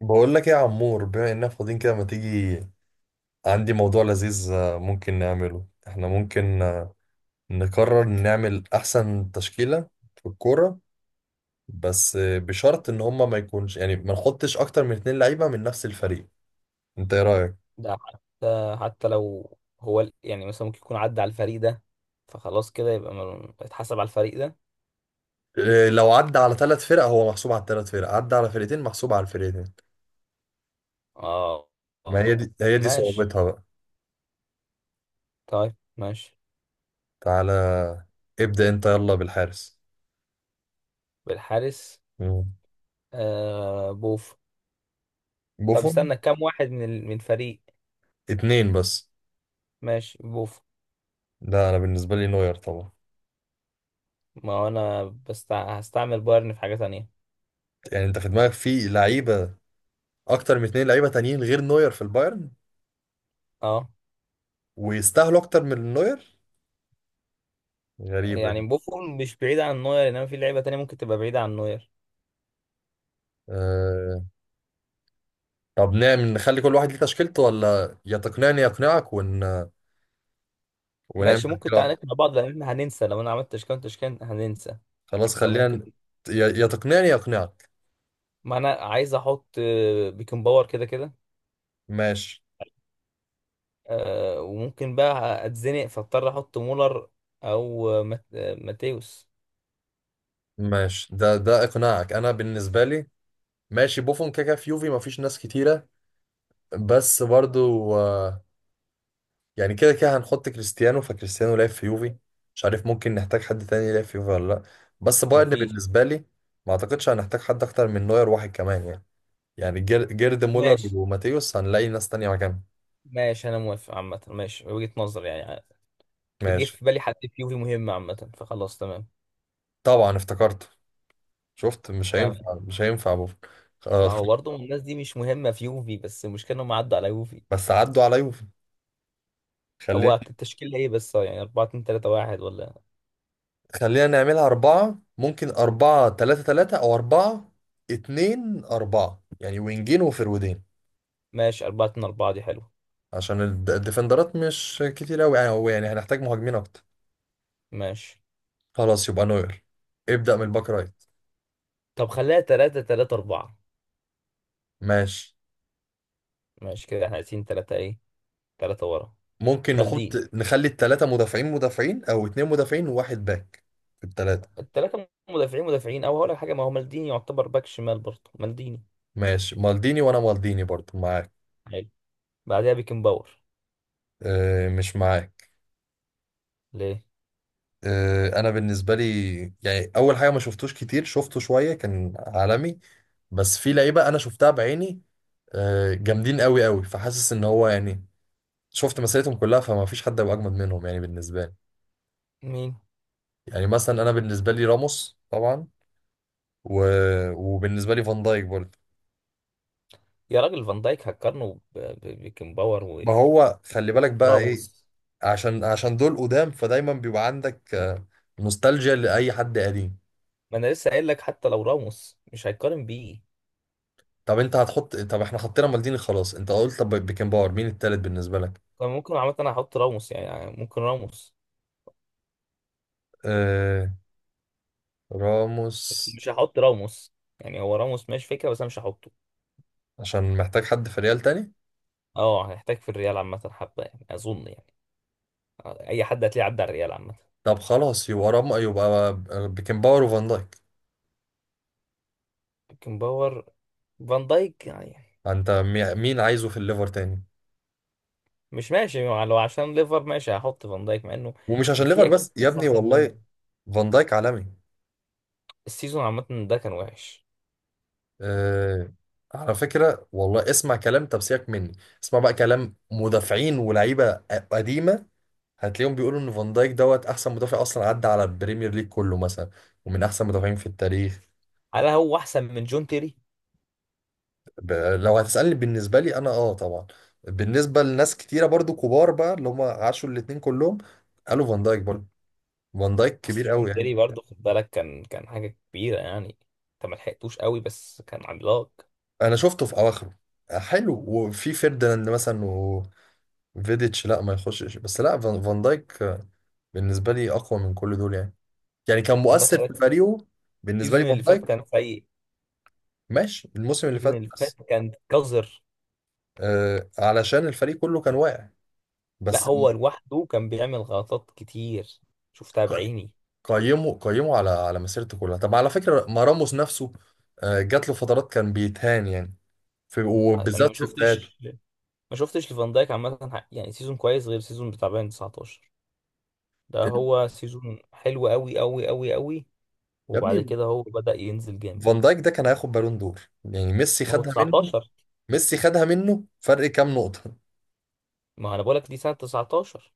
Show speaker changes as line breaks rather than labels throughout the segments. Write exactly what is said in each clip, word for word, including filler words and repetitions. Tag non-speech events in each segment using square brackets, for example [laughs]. بقول لك ايه يا عمور؟ بما اننا فاضيين كده، ما تيجي عندي موضوع لذيذ؟ آه، ممكن نعمله احنا، ممكن آه، نقرر نعمل احسن تشكيلة في الكورة. بس آه، بشرط ان هما ما يكونش، يعني ما نحطش اكتر من اتنين لعيبة من نفس الفريق. انت ايه رأيك؟
ده حتى حتى لو هو ال- يعني مثلا ممكن يكون عدى على الفريق ده، فخلاص كده يبقى مل- اتحسب على الفريق ده.
آه، لو عدى على ثلاث فرق هو محسوب على الثلاث فرق، عدى على فرقتين محسوب على الفرقتين.
اه.
ما هي
اه،
دي هي دي
ماشي.
صعوبتها بقى.
طيب ماشي.
تعالى، ابدأ انت يلا بالحارس.
بالحارس.
مم.
آه بوف. طب
بوفون.
استنى كام واحد من ال- من فريق.
اتنين بس.
ماشي بوف.
لا، انا بالنسبة لي نوير طبعا.
ما هو انا بس هستعمل بايرن في حاجة تانية.
يعني انت في دماغك في لعيبه اكتر من اتنين لعيبه تانيين غير نوير في البايرن؟
اه.
ويستاهلوا اكتر من نوير؟ غريبه دي.
يعني بوفون مش بعيد عن نوير، انما في لعيبة تانية ممكن تبقى بعيدة عن نوير.
أه... طب نعمل، نخلي كل واحد ليه تشكيلته، ولا يا تقنعني يا اقنعك ون... ونعمل
ماشي ممكن.
تشكيله
تعالى
واحده؟
نقنع بعض لان احنا هننسى، لو انا عملت تشكيلة تشكيلة هننسى.
خلاص خلينا
فممكن.
ن- يا يا تقنعني يا اقنعك.
ما انا عايز احط آه، بيكن باور كده كده.
ماشي،
آه، وممكن بقى اتزنق فاضطر احط مولر. او آه، مات- آه، ماتيوس.
ماشي. ده ده اقناعك. انا بالنسبه لي ماشي بوفون، كاكا. في يوفي مفيش ناس كتيره. بس برضو آه، يعني كده كده هنحط كريستيانو، فكريستيانو لعب في يوفي. مش عارف، ممكن نحتاج حد تاني يلعب في يوفي ولا لا. بس بايرن
مفيش.
بالنسبة لي ما اعتقدش هنحتاج حد اكتر من نوير، واحد كمان يعني. يعني جير- جيرد مولر
ماشي.
وماتيوس، هنلاقي ناس تانية مكانهم.
ماشي انا موافق عامه. ماشي وجهة نظر يعني، آه، جه
ماشي.
في بالي حد في يوفي مهم عامه، فخلاص تمام.
طبعا افتكرت. شفت مش
تمام.
هينفع، مش هينفع بوفون. آه.
ما هو برضه الناس دي مش مهمه في يوفي، بس المشكله انهم عدوا على يوفي.
بس عدوا على يوفي. خلينا.
هو التشكيل ايه بس آه، يعني أربعة اتنين تلاتة واحد ولا؟
خلينا نعملها أربعة، ممكن أربعة تلاتة تلاتة أو أربعة اتنين أربعة، يعني وينجين وفرودين.
ماشي، أربعة اتنين أربعة دي حلوه.
عشان الد- الديفندرات مش كتير قوي، يعني هو يعني هنحتاج مهاجمين اكتر.
ماشي.
خلاص يبقى نوير. ابدأ من الباك رايت.
طب خليها تلاتة تلاتة أربعة.
ماشي،
ماشي كده احنا عايزين تلاتة ايه. تلاتة ورا.
ممكن نحط،
مالديني.
نخلي التلاتة مدافعين مدافعين او اتنين مدافعين وواحد باك في التلاتة.
الثلاثه مدافعين مدافعين، او هقول لك حاجه، ما هو مالديني يعتبر باك شمال برضه مالديني.
ماشي، مالديني. وانا مالديني برضو معاك.
حلو. بعدها بيكن باور.
اه، مش معاك.
ليه؟
اه، انا بالنسبة لي، يعني اول حاجة، ما شفتوش كتير، شفته شوية، كان عالمي. بس في لعيبة انا شفتها بعيني، اه، جامدين قوي قوي، فحاسس ان هو يعني شفت مسيرتهم كلها، فما فيش حد هيبقى اجمد منهم يعني بالنسبة لي.
مين؟
يعني مثلا انا بالنسبه لي راموس طبعا، و... وبالنسبه لي فان دايك برضه.
يا راجل، فان دايك هتقارنه ب- ب- بيكن باور و-
ما هو خلي بالك بقى ايه.
وراموس.
عشان عشان دول قدام، فدايما بيبقى عندك آه، نوستالجيا لاي حد قديم.
ما انا لسه قايل لك، حتى لو راموس مش هيتقارن بيه.
طب انت هتحط، طب احنا حطينا مالديني خلاص، انت قلت طب بيكن باور، مين التالت بالنسبه لك؟
كان ممكن عامه انا احط راموس، يعني يعني ممكن راموس.
آه... راموس.
بس مش هحط راموس. يعني هو راموس ماشي فكره، بس انا مش هحطه.
عشان محتاج حد في ريال تاني.
اه هيحتاج في الريال عامه حبه يعني، اظن يعني آه، اي حد هتلاقيه عدى على الريال عامه.
طب خلاص، يبقى رام يبقى بيكن باور وفان دايك.
بيكن باور. فان دايك يعني.
انت مي- مين عايزه في الليفر تاني؟
مش ماشي يعني، لو عشان ليفر ماشي هحط فان دايك مع انه
ومش عشان ليفر
في اكيد
بس يا
ناس
ابني،
احسن
والله
من.
فان دايك عالمي.
السيزون عامه ده كان وحش.
آه، على فكرة والله، اسمع كلام. طب سيبك مني، اسمع بقى كلام مدافعين ولاعيبة قديمة، هتلاقيهم بيقولوا ان فان دايك دوت احسن مدافع اصلا عدى على البريمير ليج كله مثلا، ومن احسن مدافعين في التاريخ.
هل هو احسن من جون تيري؟
ب... لو هتسألني بالنسبة لي انا، اه، طبعا. بالنسبة لناس كتيرة برضو كبار بقى اللي هم عاشوا الاتنين كلهم قالوا فان دايك برضو. فان دايك كبير
اصل
قوي
جون تيري
يعني.
برضه خد بالك كان كان حاجه كبيره يعني. انت ما لحقتوش قوي، بس كان عملاق.
انا شفته في اواخره حلو. وفي فيرديناند مثلا، وفيديتش. لا، ما يخشش. بس لا، فان فان دايك بالنسبة لي أقوى من كل دول يعني. يعني كان
فان دايك
مؤثر
خلي
في
بالك،
فريقه بالنسبة لي
السيزون
فان
اللي فات
دايك.
كان سيء.
ماشي الموسم اللي
السيزون
فات
اللي فات
بس.
كان قذر.
آه علشان الفريق كله كان واقع
لا،
بس.
هو لوحده كان بيعمل غلطات كتير، شفتها
ق-
بعيني.
قيمه قيمه على على مسيرته كلها. طب على فكرة، ما راموس نفسه، آه جات له فترات كان بيتهان يعني، في
انا ما
وبالذات في بدايته.
شفتش. ما شفتش لفان دايك عامه، يعني سيزون كويس غير سيزون بتاع بايرن تسعة عشر. ده
ال-
هو سيزون حلو قوي قوي قوي قوي.
يا
وبعد
ابني،
كده هو بدأ ينزل جامد.
فان دايك ده كان هياخد بالون دور يعني، ميسي
ما هو
خدها منه.
تسعتاشر.
ميسي خدها منه فرق كام نقطة.
ما انا بقولك دي سنة تسعة عشر.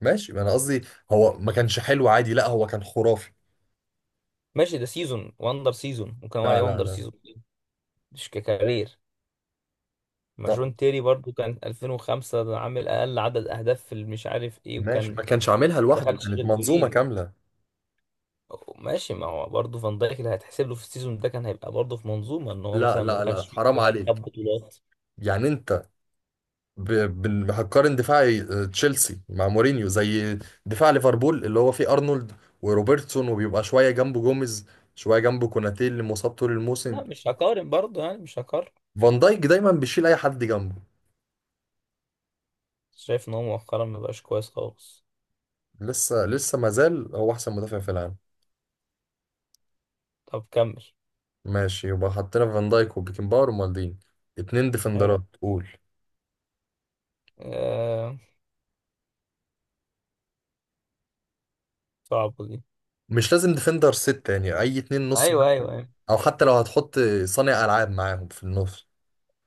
ماشي انا قصدي، هو ما كانش حلو عادي، لا هو كان خرافي.
ماشي، ده سيزون وندر سيزون، ممكن اقول
لا
عليه
لا
وندر
لا.
سيزون. مش ككارير. ما جون تيري برضو كان ألفين وخمسة ده عامل اقل عدد اهداف في مش عارف ايه،
ماشي،
وكان. ما
ما كانش عاملها لوحده،
دخلش
كانت
غير
منظومة
جولين.
كاملة.
ماشي، ما هو برضه فان دايك اللي هيتحسب له في السيزون ده كان هيبقى برضه في منظومه، ان هو
لا
مثلا ما
لا لا،
دخلش في
حرام
جولان
عليك.
خد بطولات.
يعني انت ب... ب... هتقارن دفاع آه، تشيلسي مع مورينيو زي دفاع ليفربول اللي هو فيه ارنولد وروبرتسون، وبيبقى شوية جنبه جوميز، شوية جنبه كوناتيل اللي مصاب طول الموسم.
لا، مش هقارن برضه يعني، مش هقارن.
فان دايك دايما بيشيل اي حد جنبه.
شايف ان هو مؤخرا ما بقاش كويس خالص.
لسه لسه، ما زال هو احسن مدافع في العالم.
طب كمل.
ماشي يبقى حطينا فان دايك وبيكن باور ومالدين. اتنين
حلو.
ديفندرات قول.
آه... صعبة دي.
مش لازم ديفندر ست، يعني اي اتنين نص.
ايوه ايوه ايوه.
او حتى لو هتحط صانع العاب معاهم في النص.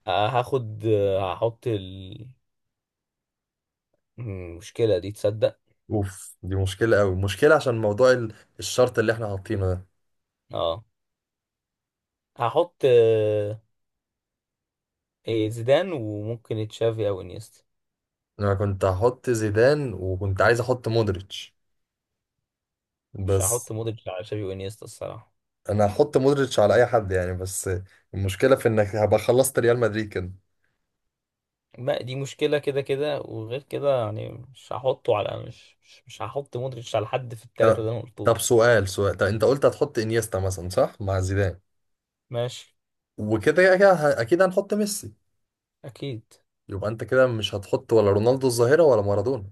آه هاخد، آه، هحط. المشكلة دي تصدق.
اوف، دي مشكله قوي، مشكله عشان موضوع ال- الشرط اللي احنا حاطينه ده.
اه هحط آه... إيه، زيدان وممكن تشافي او انيستا.
انا كنت هحط زيدان، وكنت عايز احط مودريتش
مش
بس.
هحط مودريتش على تشافي وانيستا الصراحة.
انا هحط مودريتش على اي حد يعني بس، المشكله في انك هبقى خلصت ريال مدريد كده.
ما دي مشكلة كده كده، وغير كده يعني مش هحطه على مش مش, مش هحط مودريتش على حد في
ط-
التلاتة اللي انا قلتهم.
طب سؤال سؤال. طب انت قلت هتحط انيستا مثلا صح، مع زيدان.
ماشي.
وكده كده كده ه- اكيد هنحط ميسي.
اكيد.
يبقى انت كده مش هتحط ولا رونالدو الظاهره، ولا مارادونا،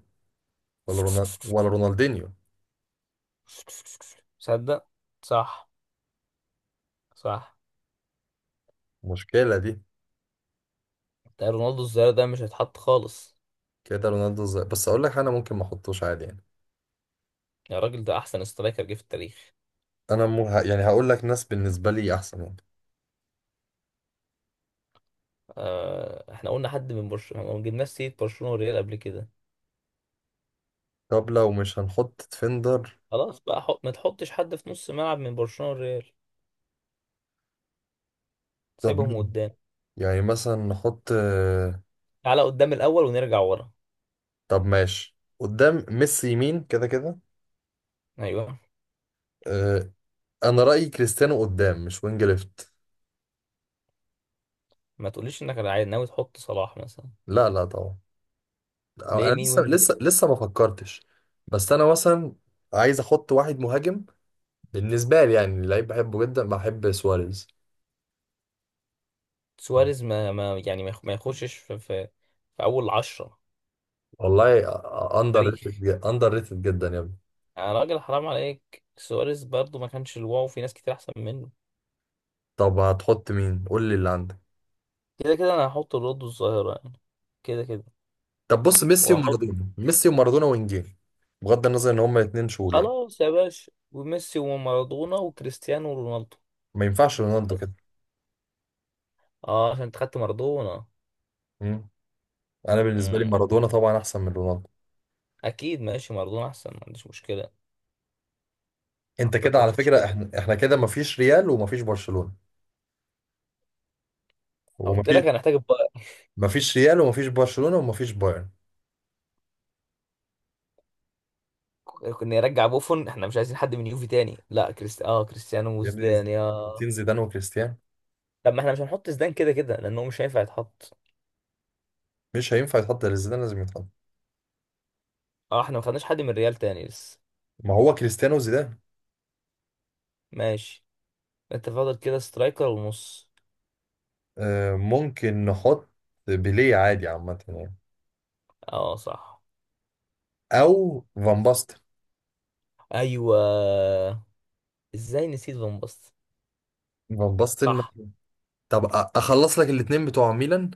ولا رونالدو، ولا رونالدينيو؟
[laughs] تصدق. صح. صح.
المشكله دي.
ده رونالدو الظاهرة ده مش هيتحط خالص.
كده رونالدو الظاهر بس، اقول لك انا ممكن ما احطوش عادي يعني.
يا راجل، ده أحسن سترايكر جه في التاريخ.
انا مو ه... يعني هقول لك ناس بالنسبه لي احسن يعني.
آه، إحنا قلنا حد من برشلونة، ما جبناش سيرة برشلونة والريال قبل كده.
طب لو مش هنحط ديفندر.
خلاص بقى حط... ما تحطش حد في نص ملعب من برشلونة والريال.
طب
سيبهم
مين؟
قدام.
يعني مثلا نحط آه،
تعالى قدام الأول ونرجع ورا.
طب ماشي، قدام ميسي يمين كده كده.
أيوه.
آه، انا رايي كريستيانو قدام، مش وينج ليفت.
ما تقوليش إنك عايز- ناوي تحط صلاح مثلا.
لا لا طبعا.
ليه؟
انا
مين
لسه
وينج
لسه
ليه؟
لسه ما فكرتش. بس انا مثلا عايز احط واحد مهاجم، بالنسبه لي يعني لعيب بحبه جدا، بحب سواريز.
سواريز ما, ما يعني ما يخ- ما يخشش في, في, في أول عشرة.
والله، اندر
تاريخ.
ريتد اندر ريتد جدا يا ابني.
يا راجل حرام عليك، سواريز برضو ما كانش الواو، في ناس كتير أحسن منه.
طب هتحط مين؟ قول لي اللي عندك.
كده كده أنا هحط رونالدو الظاهرة يعني كده كده.
طب بص، ميسي
واحط.
ومارادونا، ميسي ومارادونا وانجيل، بغض النظر ان هما الاتنين شغل يعني.
خلاص يا باشا، وميسي ومارادونا وكريستيانو ورونالدو.
ما ينفعش رونالدو
بس.
كده.
اه، عشان انت خدت مارادونا.
مم. انا بالنسبه لي
مم.
مارادونا طبعا احسن من رونالدو.
اكيد ماشي، مارادونا احسن، ما عنديش مشكله.
انت كده
حطيتنا
على
في
فكره،
مشكله.
احنا احنا كده مفيش ريال ومفيش برشلونه
قلت لك
ومفيش،
هنحتاج بقى.
مفيش ريال ومفيش برشلونه ومفيش بايرن.
كنا نرجع بوفون. احنا مش عايزين حد من يوفي تاني، لا كريستي اه كريستيانو
يا ابني،
وزدان يا.
حاطين زيدان وكريستيانو.
طب ما احنا مش هنحط زدان كده كده لانه مش هينفع يتحط.
مش هينفع يتحط غير زيدان، لازم يتحط.
اه، احنا ما خدناش حد من ريال تاني لسه.
ما هو كريستيانو وزيدان.
ماشي. انت فاضل كده سترايكر ونص.
آه ممكن نحط بيليه عادي عامه يعني،
اه صح.
او فان باستن.
ايوه. ازاي نسيت فان باستن.
فان باستن.
صح.
طب أ- اخلص لك الاتنين بتوع ميلان.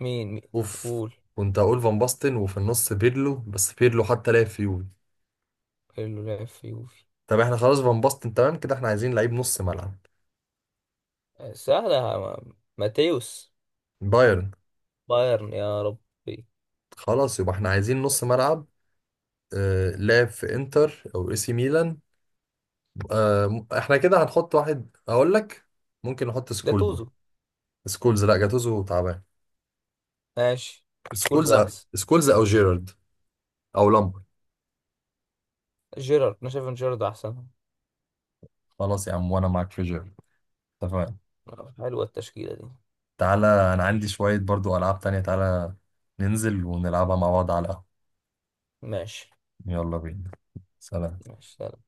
مين مين؟
اوف.
قول.
كنت هقول فان باستن وفي النص بيرلو، بس بيرلو حتى لعب في يوفي.
اللي لعب في يوفي.
طب احنا خلاص فان باستن تمام كده، احنا عايزين لعيب نص ملعب.
آه، سهلة يا عم. ماتيوس.
بايرن.
بايرن يا ربي.
خلاص يبقى احنا عايزين نص ملعب. آه لعب في انتر او اي سي ميلان. آه، م- احنا كده هنحط واحد اقول لك. ممكن نحط سكولز.
جاتوزو.
سكولز. لا، جاتوزو تعبان.
ماشي. سكولز
سكولز أو-
أحسن.
سكولز او جيرارد او لامبر.
جيرارد، أنا شايف إن جيرارد أحسن.
خلاص يا عم، وانا معاك في جيرارد. اتفقنا.
آه، حلوة التشكيلة دي.
تعالى، انا عندي شوية برضو العاب تانية. تعالى ننزل ونلعبها مع بعض على القهوة.
ماشي.
يلا بينا. سلام.
ماشي.